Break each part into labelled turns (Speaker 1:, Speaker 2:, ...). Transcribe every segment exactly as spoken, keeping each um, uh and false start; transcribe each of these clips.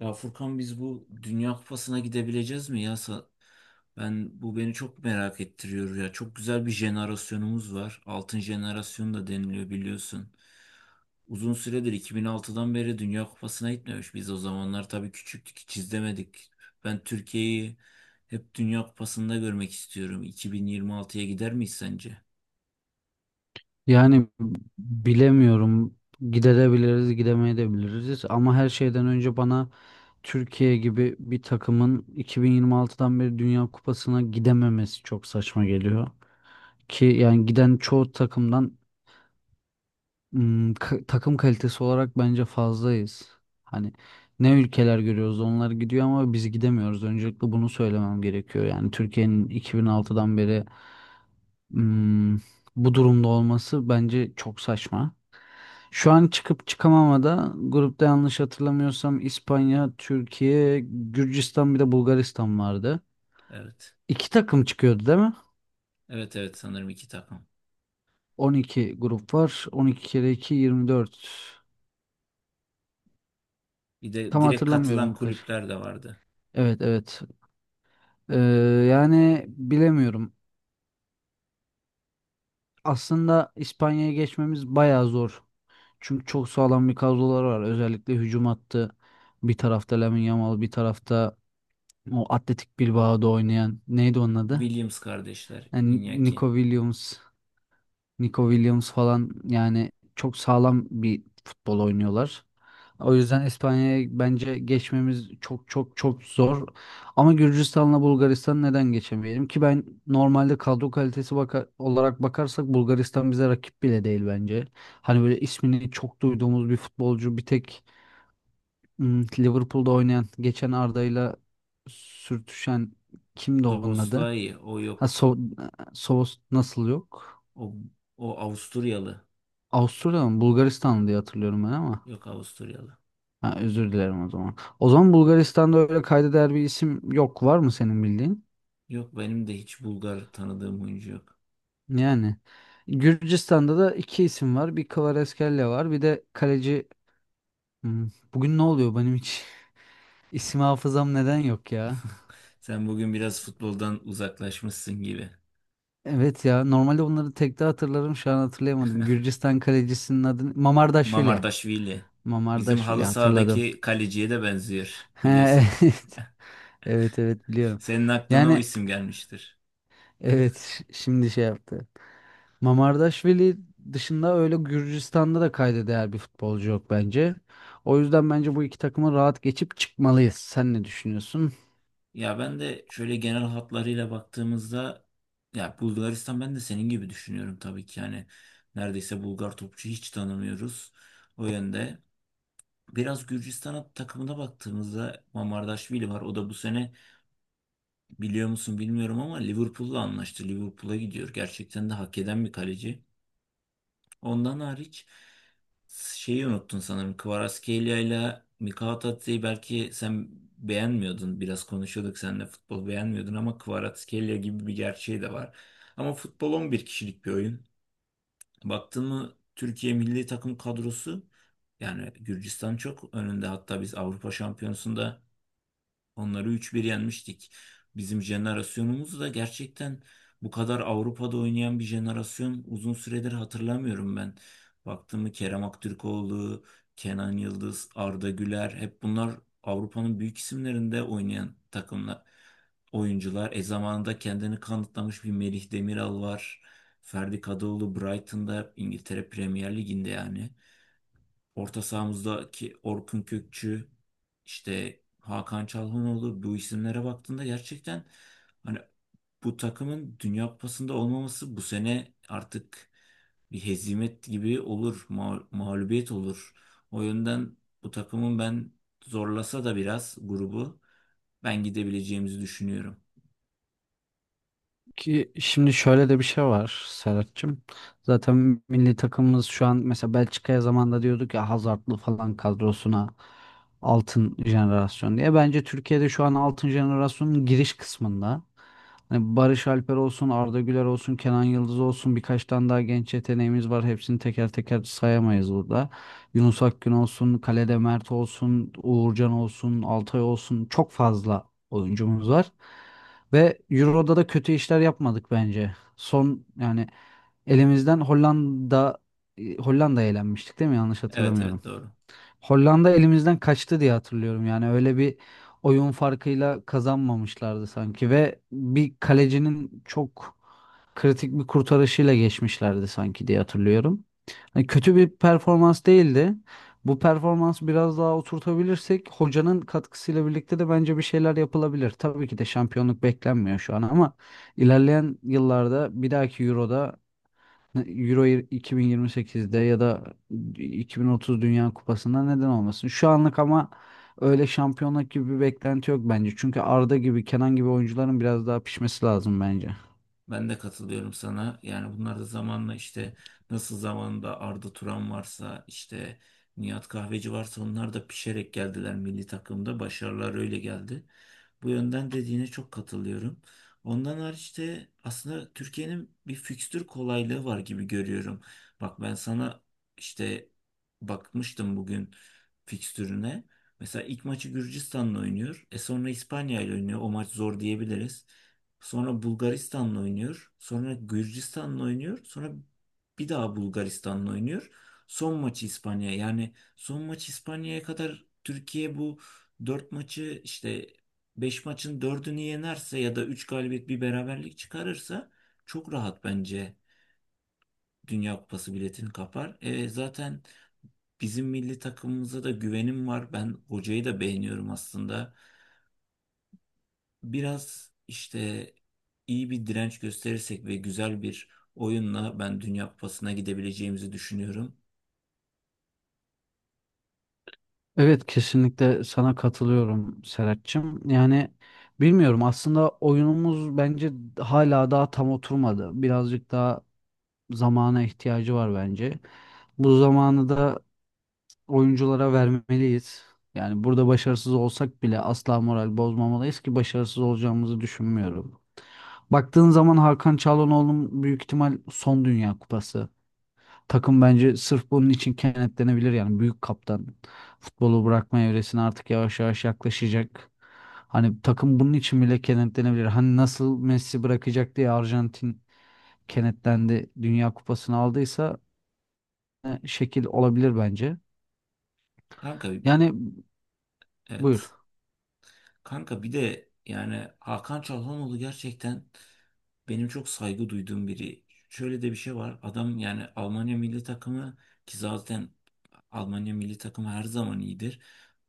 Speaker 1: Ya Furkan biz bu Dünya Kupası'na gidebileceğiz mi ya? Sa- Ben bu beni çok merak ettiriyor ya. Çok güzel bir jenerasyonumuz var. Altın jenerasyon da deniliyor biliyorsun. Uzun süredir iki bin altıdan beri Dünya Kupası'na gitmemiş. Biz o zamanlar tabii küçüktük, hiç izlemedik. Ben Türkiye'yi hep Dünya Kupası'nda görmek istiyorum. iki bin yirmi altıya gider miyiz sence?
Speaker 2: Yani bilemiyorum. Gidebiliriz, gidemeyebiliriz ama her şeyden önce bana Türkiye gibi bir takımın iki bin yirmi altıdan beri Dünya Kupası'na gidememesi çok saçma geliyor. Ki yani giden çoğu takımdan ım, ka- takım kalitesi olarak bence fazlayız. Hani ne ülkeler görüyoruz onlar gidiyor ama biz gidemiyoruz. Öncelikle bunu söylemem gerekiyor. Yani Türkiye'nin iki bin altıdan beri ım, bu durumda olması bence çok saçma. Şu an çıkıp çıkamamada grupta yanlış hatırlamıyorsam İspanya, Türkiye, Gürcistan bir de Bulgaristan vardı.
Speaker 1: Evet.
Speaker 2: İki takım çıkıyordu değil mi?
Speaker 1: Evet, evet, sanırım iki takım.
Speaker 2: on iki grup var. on iki kere iki yirmi dört.
Speaker 1: Bir de
Speaker 2: Tam
Speaker 1: direkt katılan
Speaker 2: hatırlamıyorum bu kaç.
Speaker 1: kulüpler de vardı.
Speaker 2: Evet, evet. Ee, yani bilemiyorum. Aslında İspanya'ya geçmemiz bayağı zor. Çünkü çok sağlam bir kadroları var. Özellikle hücum hattı. Bir tarafta Lamine Yamal, bir tarafta o Atletik Bilbao'da oynayan neydi onun adı?
Speaker 1: Williams kardeşler,
Speaker 2: Yani
Speaker 1: Iñaki.
Speaker 2: Nico Williams, Nico Williams falan yani çok sağlam bir futbol oynuyorlar. O yüzden İspanya'ya bence geçmemiz çok çok çok zor. Ama Gürcistan'la Bulgaristan neden geçemeyelim ki ben normalde kadro kalitesi baka- olarak bakarsak Bulgaristan bize rakip bile değil bence. Hani böyle ismini çok duyduğumuz bir futbolcu bir tek hmm, Liverpool'da oynayan geçen Arda'yla sürtüşen kimdi onun adı?
Speaker 1: Szoboszlai o
Speaker 2: Ha,
Speaker 1: yok.
Speaker 2: so, Sovos nasıl yok?
Speaker 1: O, o Avusturyalı.
Speaker 2: Avusturya mı? Bulgaristan diye hatırlıyorum ben ama.
Speaker 1: Yok, Avusturyalı.
Speaker 2: Ha, özür dilerim o zaman. O zaman Bulgaristan'da öyle kayda değer bir isim yok. Var mı senin bildiğin?
Speaker 1: Yok, benim de hiç Bulgar tanıdığım oyuncu yok.
Speaker 2: Yani. Gürcistan'da da iki isim var. Bir Kvaratskhelia var. Bir de kaleci... Hmm, Bugün ne oluyor benim hiç? İsim hafızam neden yok ya?
Speaker 1: Sen bugün biraz futboldan uzaklaşmışsın gibi.
Speaker 2: Evet ya. Normalde bunları tek de hatırlarım. Şu an hatırlayamadım. Gürcistan kalecisinin adı... Mamardaşvili.
Speaker 1: Mamardaşvili. Bizim
Speaker 2: Mamardaşvili
Speaker 1: halı
Speaker 2: hatırladım.
Speaker 1: sahadaki kaleciye de benziyor
Speaker 2: He,
Speaker 1: biliyorsun.
Speaker 2: evet. Evet, evet, biliyorum.
Speaker 1: Senin aklına o
Speaker 2: Yani
Speaker 1: isim gelmiştir.
Speaker 2: evet, ş- şimdi şey yaptı. Mamardaşvili dışında öyle Gürcistan'da da kayda değer bir futbolcu yok bence. O yüzden bence bu iki takımı rahat geçip çıkmalıyız. Sen ne düşünüyorsun?
Speaker 1: Ya ben de şöyle genel hatlarıyla baktığımızda ya Bulgaristan ben de senin gibi düşünüyorum tabii ki. Yani neredeyse Bulgar topçu hiç tanımıyoruz. O yönde. Biraz Gürcistan takımına baktığımızda Mamardaşvili var. O da bu sene biliyor musun bilmiyorum ama Liverpool'la anlaştı. Liverpool'a gidiyor. Gerçekten de hak eden bir kaleci. Ondan hariç şeyi unuttun sanırım. Kvaratskhelia ile Mikha Tatsi'yi belki sen beğenmiyordun. Biraz konuşuyorduk seninle, futbol beğenmiyordun ama Kvaratskhelia gibi bir gerçeği de var. Ama futbol on bir kişilik bir oyun. Baktın mı Türkiye milli takım kadrosu, yani Gürcistan çok önünde. Hatta biz Avrupa Şampiyonası'nda onları üç bir yenmiştik. Bizim jenerasyonumuz da gerçekten bu kadar Avrupa'da oynayan bir jenerasyon uzun süredir hatırlamıyorum ben. Baktığımı Kerem Aktürkoğlu, Kenan Yıldız, Arda Güler hep bunlar Avrupa'nın büyük isimlerinde oynayan takımlar, oyuncular. E zamanında kendini kanıtlamış bir Melih Demiral var. Ferdi Kadıoğlu Brighton'da, İngiltere Premier Ligi'nde yani. Orta sahamızdaki Orkun Kökçü, işte Hakan Çalhanoğlu, bu isimlere baktığında gerçekten hani bu takımın Dünya Kupası'nda olmaması bu sene artık bir hezimet gibi olur, ma- mağlubiyet olur. O yönden bu takımın ben, zorlasa da biraz grubu, ben gidebileceğimizi düşünüyorum.
Speaker 2: Ki şimdi şöyle de bir şey var Serhat'cığım. Zaten milli takımımız şu an mesela Belçika'ya zamanında diyorduk ya Hazard'lı falan kadrosuna altın jenerasyon diye. Bence Türkiye'de şu an altın jenerasyonun giriş kısmında. Hani Barış Alper olsun, Arda Güler olsun, Kenan Yıldız olsun birkaç tane daha genç yeteneğimiz var. Hepsini teker teker sayamayız burada. Yunus Akgün olsun, kalede Mert olsun, Uğurcan olsun, Altay olsun çok fazla oyuncumuz var. Ve Euro'da da kötü işler yapmadık bence. Son yani elimizden Hollanda Hollanda'ya elenmiştik değil mi? Yanlış
Speaker 1: Evet,
Speaker 2: hatırlamıyorum.
Speaker 1: evet, doğru.
Speaker 2: Hollanda elimizden kaçtı diye hatırlıyorum. Yani öyle bir oyun farkıyla kazanmamışlardı sanki ve bir kalecinin çok kritik bir kurtarışıyla geçmişlerdi sanki diye hatırlıyorum. Hani kötü bir performans değildi. Bu performansı biraz daha oturtabilirsek hocanın katkısıyla birlikte de bence bir şeyler yapılabilir. Tabii ki de şampiyonluk beklenmiyor şu an ama ilerleyen yıllarda bir dahaki Euro'da, Euro iki bin yirmi sekizde ya da iki bin otuz Dünya Kupası'nda neden olmasın? Şu anlık ama öyle şampiyonluk gibi bir beklenti yok bence. Çünkü Arda gibi, Kenan gibi oyuncuların biraz daha pişmesi lazım bence.
Speaker 1: Ben de katılıyorum sana. Yani bunlar da zamanla işte, nasıl zamanında Arda Turan varsa, işte Nihat Kahveci varsa, onlar da pişerek geldiler milli takımda. Başarılar öyle geldi. Bu yönden dediğine çok katılıyorum. Ondan hariç de aslında Türkiye'nin bir fikstür kolaylığı var gibi görüyorum. Bak ben sana işte bakmıştım bugün fikstürüne. Mesela ilk maçı Gürcistan'la oynuyor. E sonra İspanya ile oynuyor. O maç zor diyebiliriz. Sonra Bulgaristan'la oynuyor. Sonra Gürcistan'la oynuyor. Sonra bir daha Bulgaristan'la oynuyor. Son maçı İspanya. Yani son maç İspanya'ya kadar Türkiye bu dört maçı, işte beş maçın dördünü yenerse ya da üç galibiyet bir beraberlik çıkarırsa çok rahat bence Dünya Kupası biletini kapar. E, zaten bizim milli takımımıza da güvenim var. Ben hocayı da beğeniyorum aslında. Biraz işte iyi bir direnç gösterirsek ve güzel bir oyunla ben Dünya Kupası'na gidebileceğimizi düşünüyorum.
Speaker 2: Evet, kesinlikle sana katılıyorum Serhat'cığım. Yani bilmiyorum, aslında oyunumuz bence hala daha tam oturmadı. Birazcık daha zamana ihtiyacı var bence. Bu zamanı da oyunculara vermeliyiz. Yani burada başarısız olsak bile asla moral bozmamalıyız ki başarısız olacağımızı düşünmüyorum. Baktığın zaman Hakan Çalhanoğlu'nun büyük ihtimal son Dünya Kupası. Takım bence sırf bunun için kenetlenebilir yani büyük kaptan. Futbolu bırakma evresine artık yavaş yavaş yaklaşacak. Hani takım bunun için bile kenetlenebilir. Hani nasıl Messi bırakacak diye Arjantin kenetlendi Dünya Kupası'nı aldıysa e, şekil olabilir bence.
Speaker 1: Kanka,
Speaker 2: Yani buyur.
Speaker 1: evet. Kanka bir de yani Hakan Çalhanoğlu gerçekten benim çok saygı duyduğum biri. Şöyle de bir şey var. Adam yani Almanya milli takımı, ki zaten Almanya milli takımı her zaman iyidir.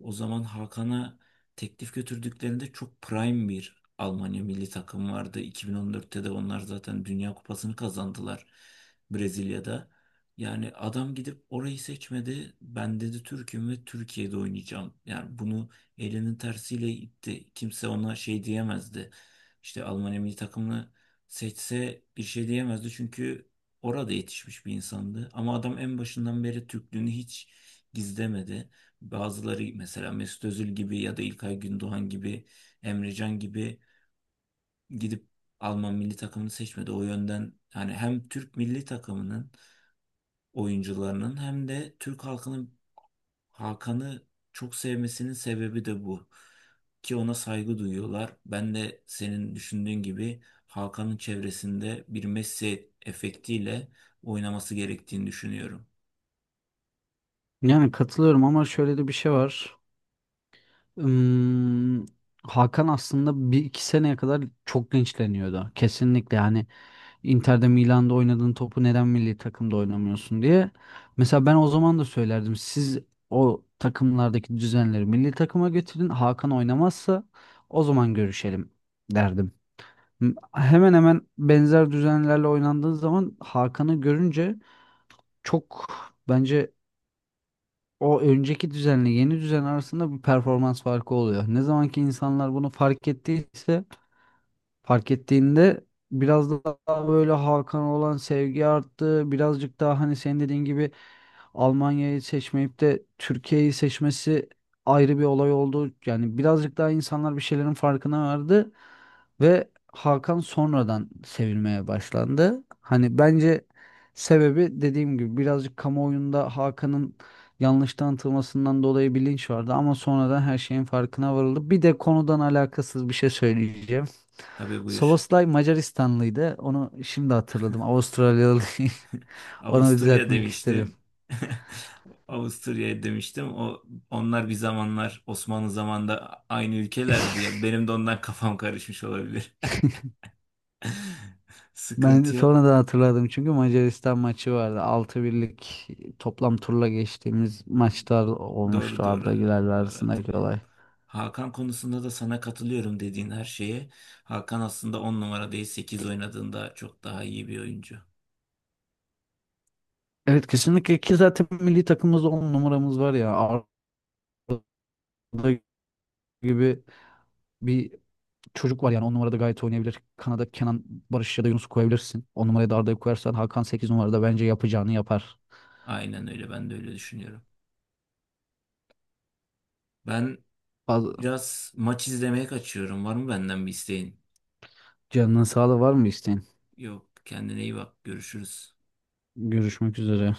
Speaker 1: O zaman Hakan'a teklif götürdüklerinde çok prime bir Almanya milli takım vardı. iki bin on dörtte de onlar zaten Dünya Kupası'nı kazandılar Brezilya'da. Yani adam gidip orayı seçmedi. Ben dedi Türk'üm ve Türkiye'de oynayacağım. Yani bunu elinin tersiyle itti. Kimse ona şey diyemezdi. İşte Almanya milli takımını seçse bir şey diyemezdi, çünkü orada yetişmiş bir insandı. Ama adam en başından beri Türklüğünü hiç gizlemedi. Bazıları mesela Mesut Özil gibi ya da İlkay Gündoğan gibi, Emre Can gibi gidip Alman milli takımını seçmedi. O yönden hani hem Türk milli takımının oyuncularının hem de Türk halkının Hakan'ı çok sevmesinin sebebi de bu. Ki ona saygı duyuyorlar. Ben de senin düşündüğün gibi Hakan'ın çevresinde bir Messi efektiyle oynaması gerektiğini düşünüyorum.
Speaker 2: Yani katılıyorum ama şöyle de bir şey var. Hmm, Hakan aslında bir iki seneye kadar çok gençleniyordu. Kesinlikle yani Inter'de, Milan'da oynadığın topu neden milli takımda oynamıyorsun diye. Mesela ben o zaman da söylerdim. Siz o takımlardaki düzenleri milli takıma getirin. Hakan oynamazsa o zaman görüşelim derdim. M- Hemen hemen benzer düzenlerle oynandığı zaman Hakan'ı görünce çok bence o önceki düzenle yeni düzen arasında bir performans farkı oluyor. Ne zaman ki insanlar bunu fark ettiyse, fark ettiğinde biraz daha böyle Hakan'a olan sevgi arttı. Birazcık daha hani senin dediğin gibi Almanya'yı seçmeyip de Türkiye'yi seçmesi ayrı bir olay oldu. Yani birazcık daha insanlar bir şeylerin farkına vardı ve Hakan sonradan sevilmeye başlandı. Hani bence sebebi dediğim gibi birazcık kamuoyunda Hakan'ın yanlış tanıtılmasından dolayı bilinç vardı ama sonradan her şeyin farkına varıldı. Bir de konudan alakasız bir şey söyleyeceğim.
Speaker 1: Tabii, buyur.
Speaker 2: Szoboszlay Macaristanlıydı. Onu şimdi hatırladım. Avustralyalı. Onu
Speaker 1: Avusturya
Speaker 2: düzeltmek istedim.
Speaker 1: demiştim. Avusturya demiştim. O, onlar bir zamanlar Osmanlı zamanında aynı ülkelerdi ya. Benim de ondan kafam karışmış olabilir.
Speaker 2: Ben
Speaker 1: Sıkıntı yok.
Speaker 2: sonradan hatırladım çünkü Macaristan maçı vardı. Altı birlik toplam turla geçtiğimiz maçlar olmuştu
Speaker 1: Doğru, doğru.
Speaker 2: Arda Güler'le
Speaker 1: Doğru
Speaker 2: arasındaki
Speaker 1: hatırlıyorum.
Speaker 2: olay.
Speaker 1: Hakan konusunda da sana katılıyorum dediğin her şeye. Hakan aslında on numara değil sekiz oynadığında çok daha iyi bir oyuncu.
Speaker 2: Evet, kesinlikle ki zaten milli takımımızda on numaramız var ya. Arda gibi bir çocuk var yani on numarada gayet oynayabilir. Kanada Kenan, Barış ya da Yunus koyabilirsin. On numaraya da Arda'yı koyarsan Hakan sekiz numarada bence yapacağını yapar.
Speaker 1: Aynen öyle, ben de öyle düşünüyorum. Ben
Speaker 2: Bazı
Speaker 1: biraz maç izlemeye kaçıyorum. Var mı benden bir isteğin?
Speaker 2: canının sağlığı var mı isteğin?
Speaker 1: Yok, kendine iyi bak, görüşürüz.
Speaker 2: Görüşmek üzere.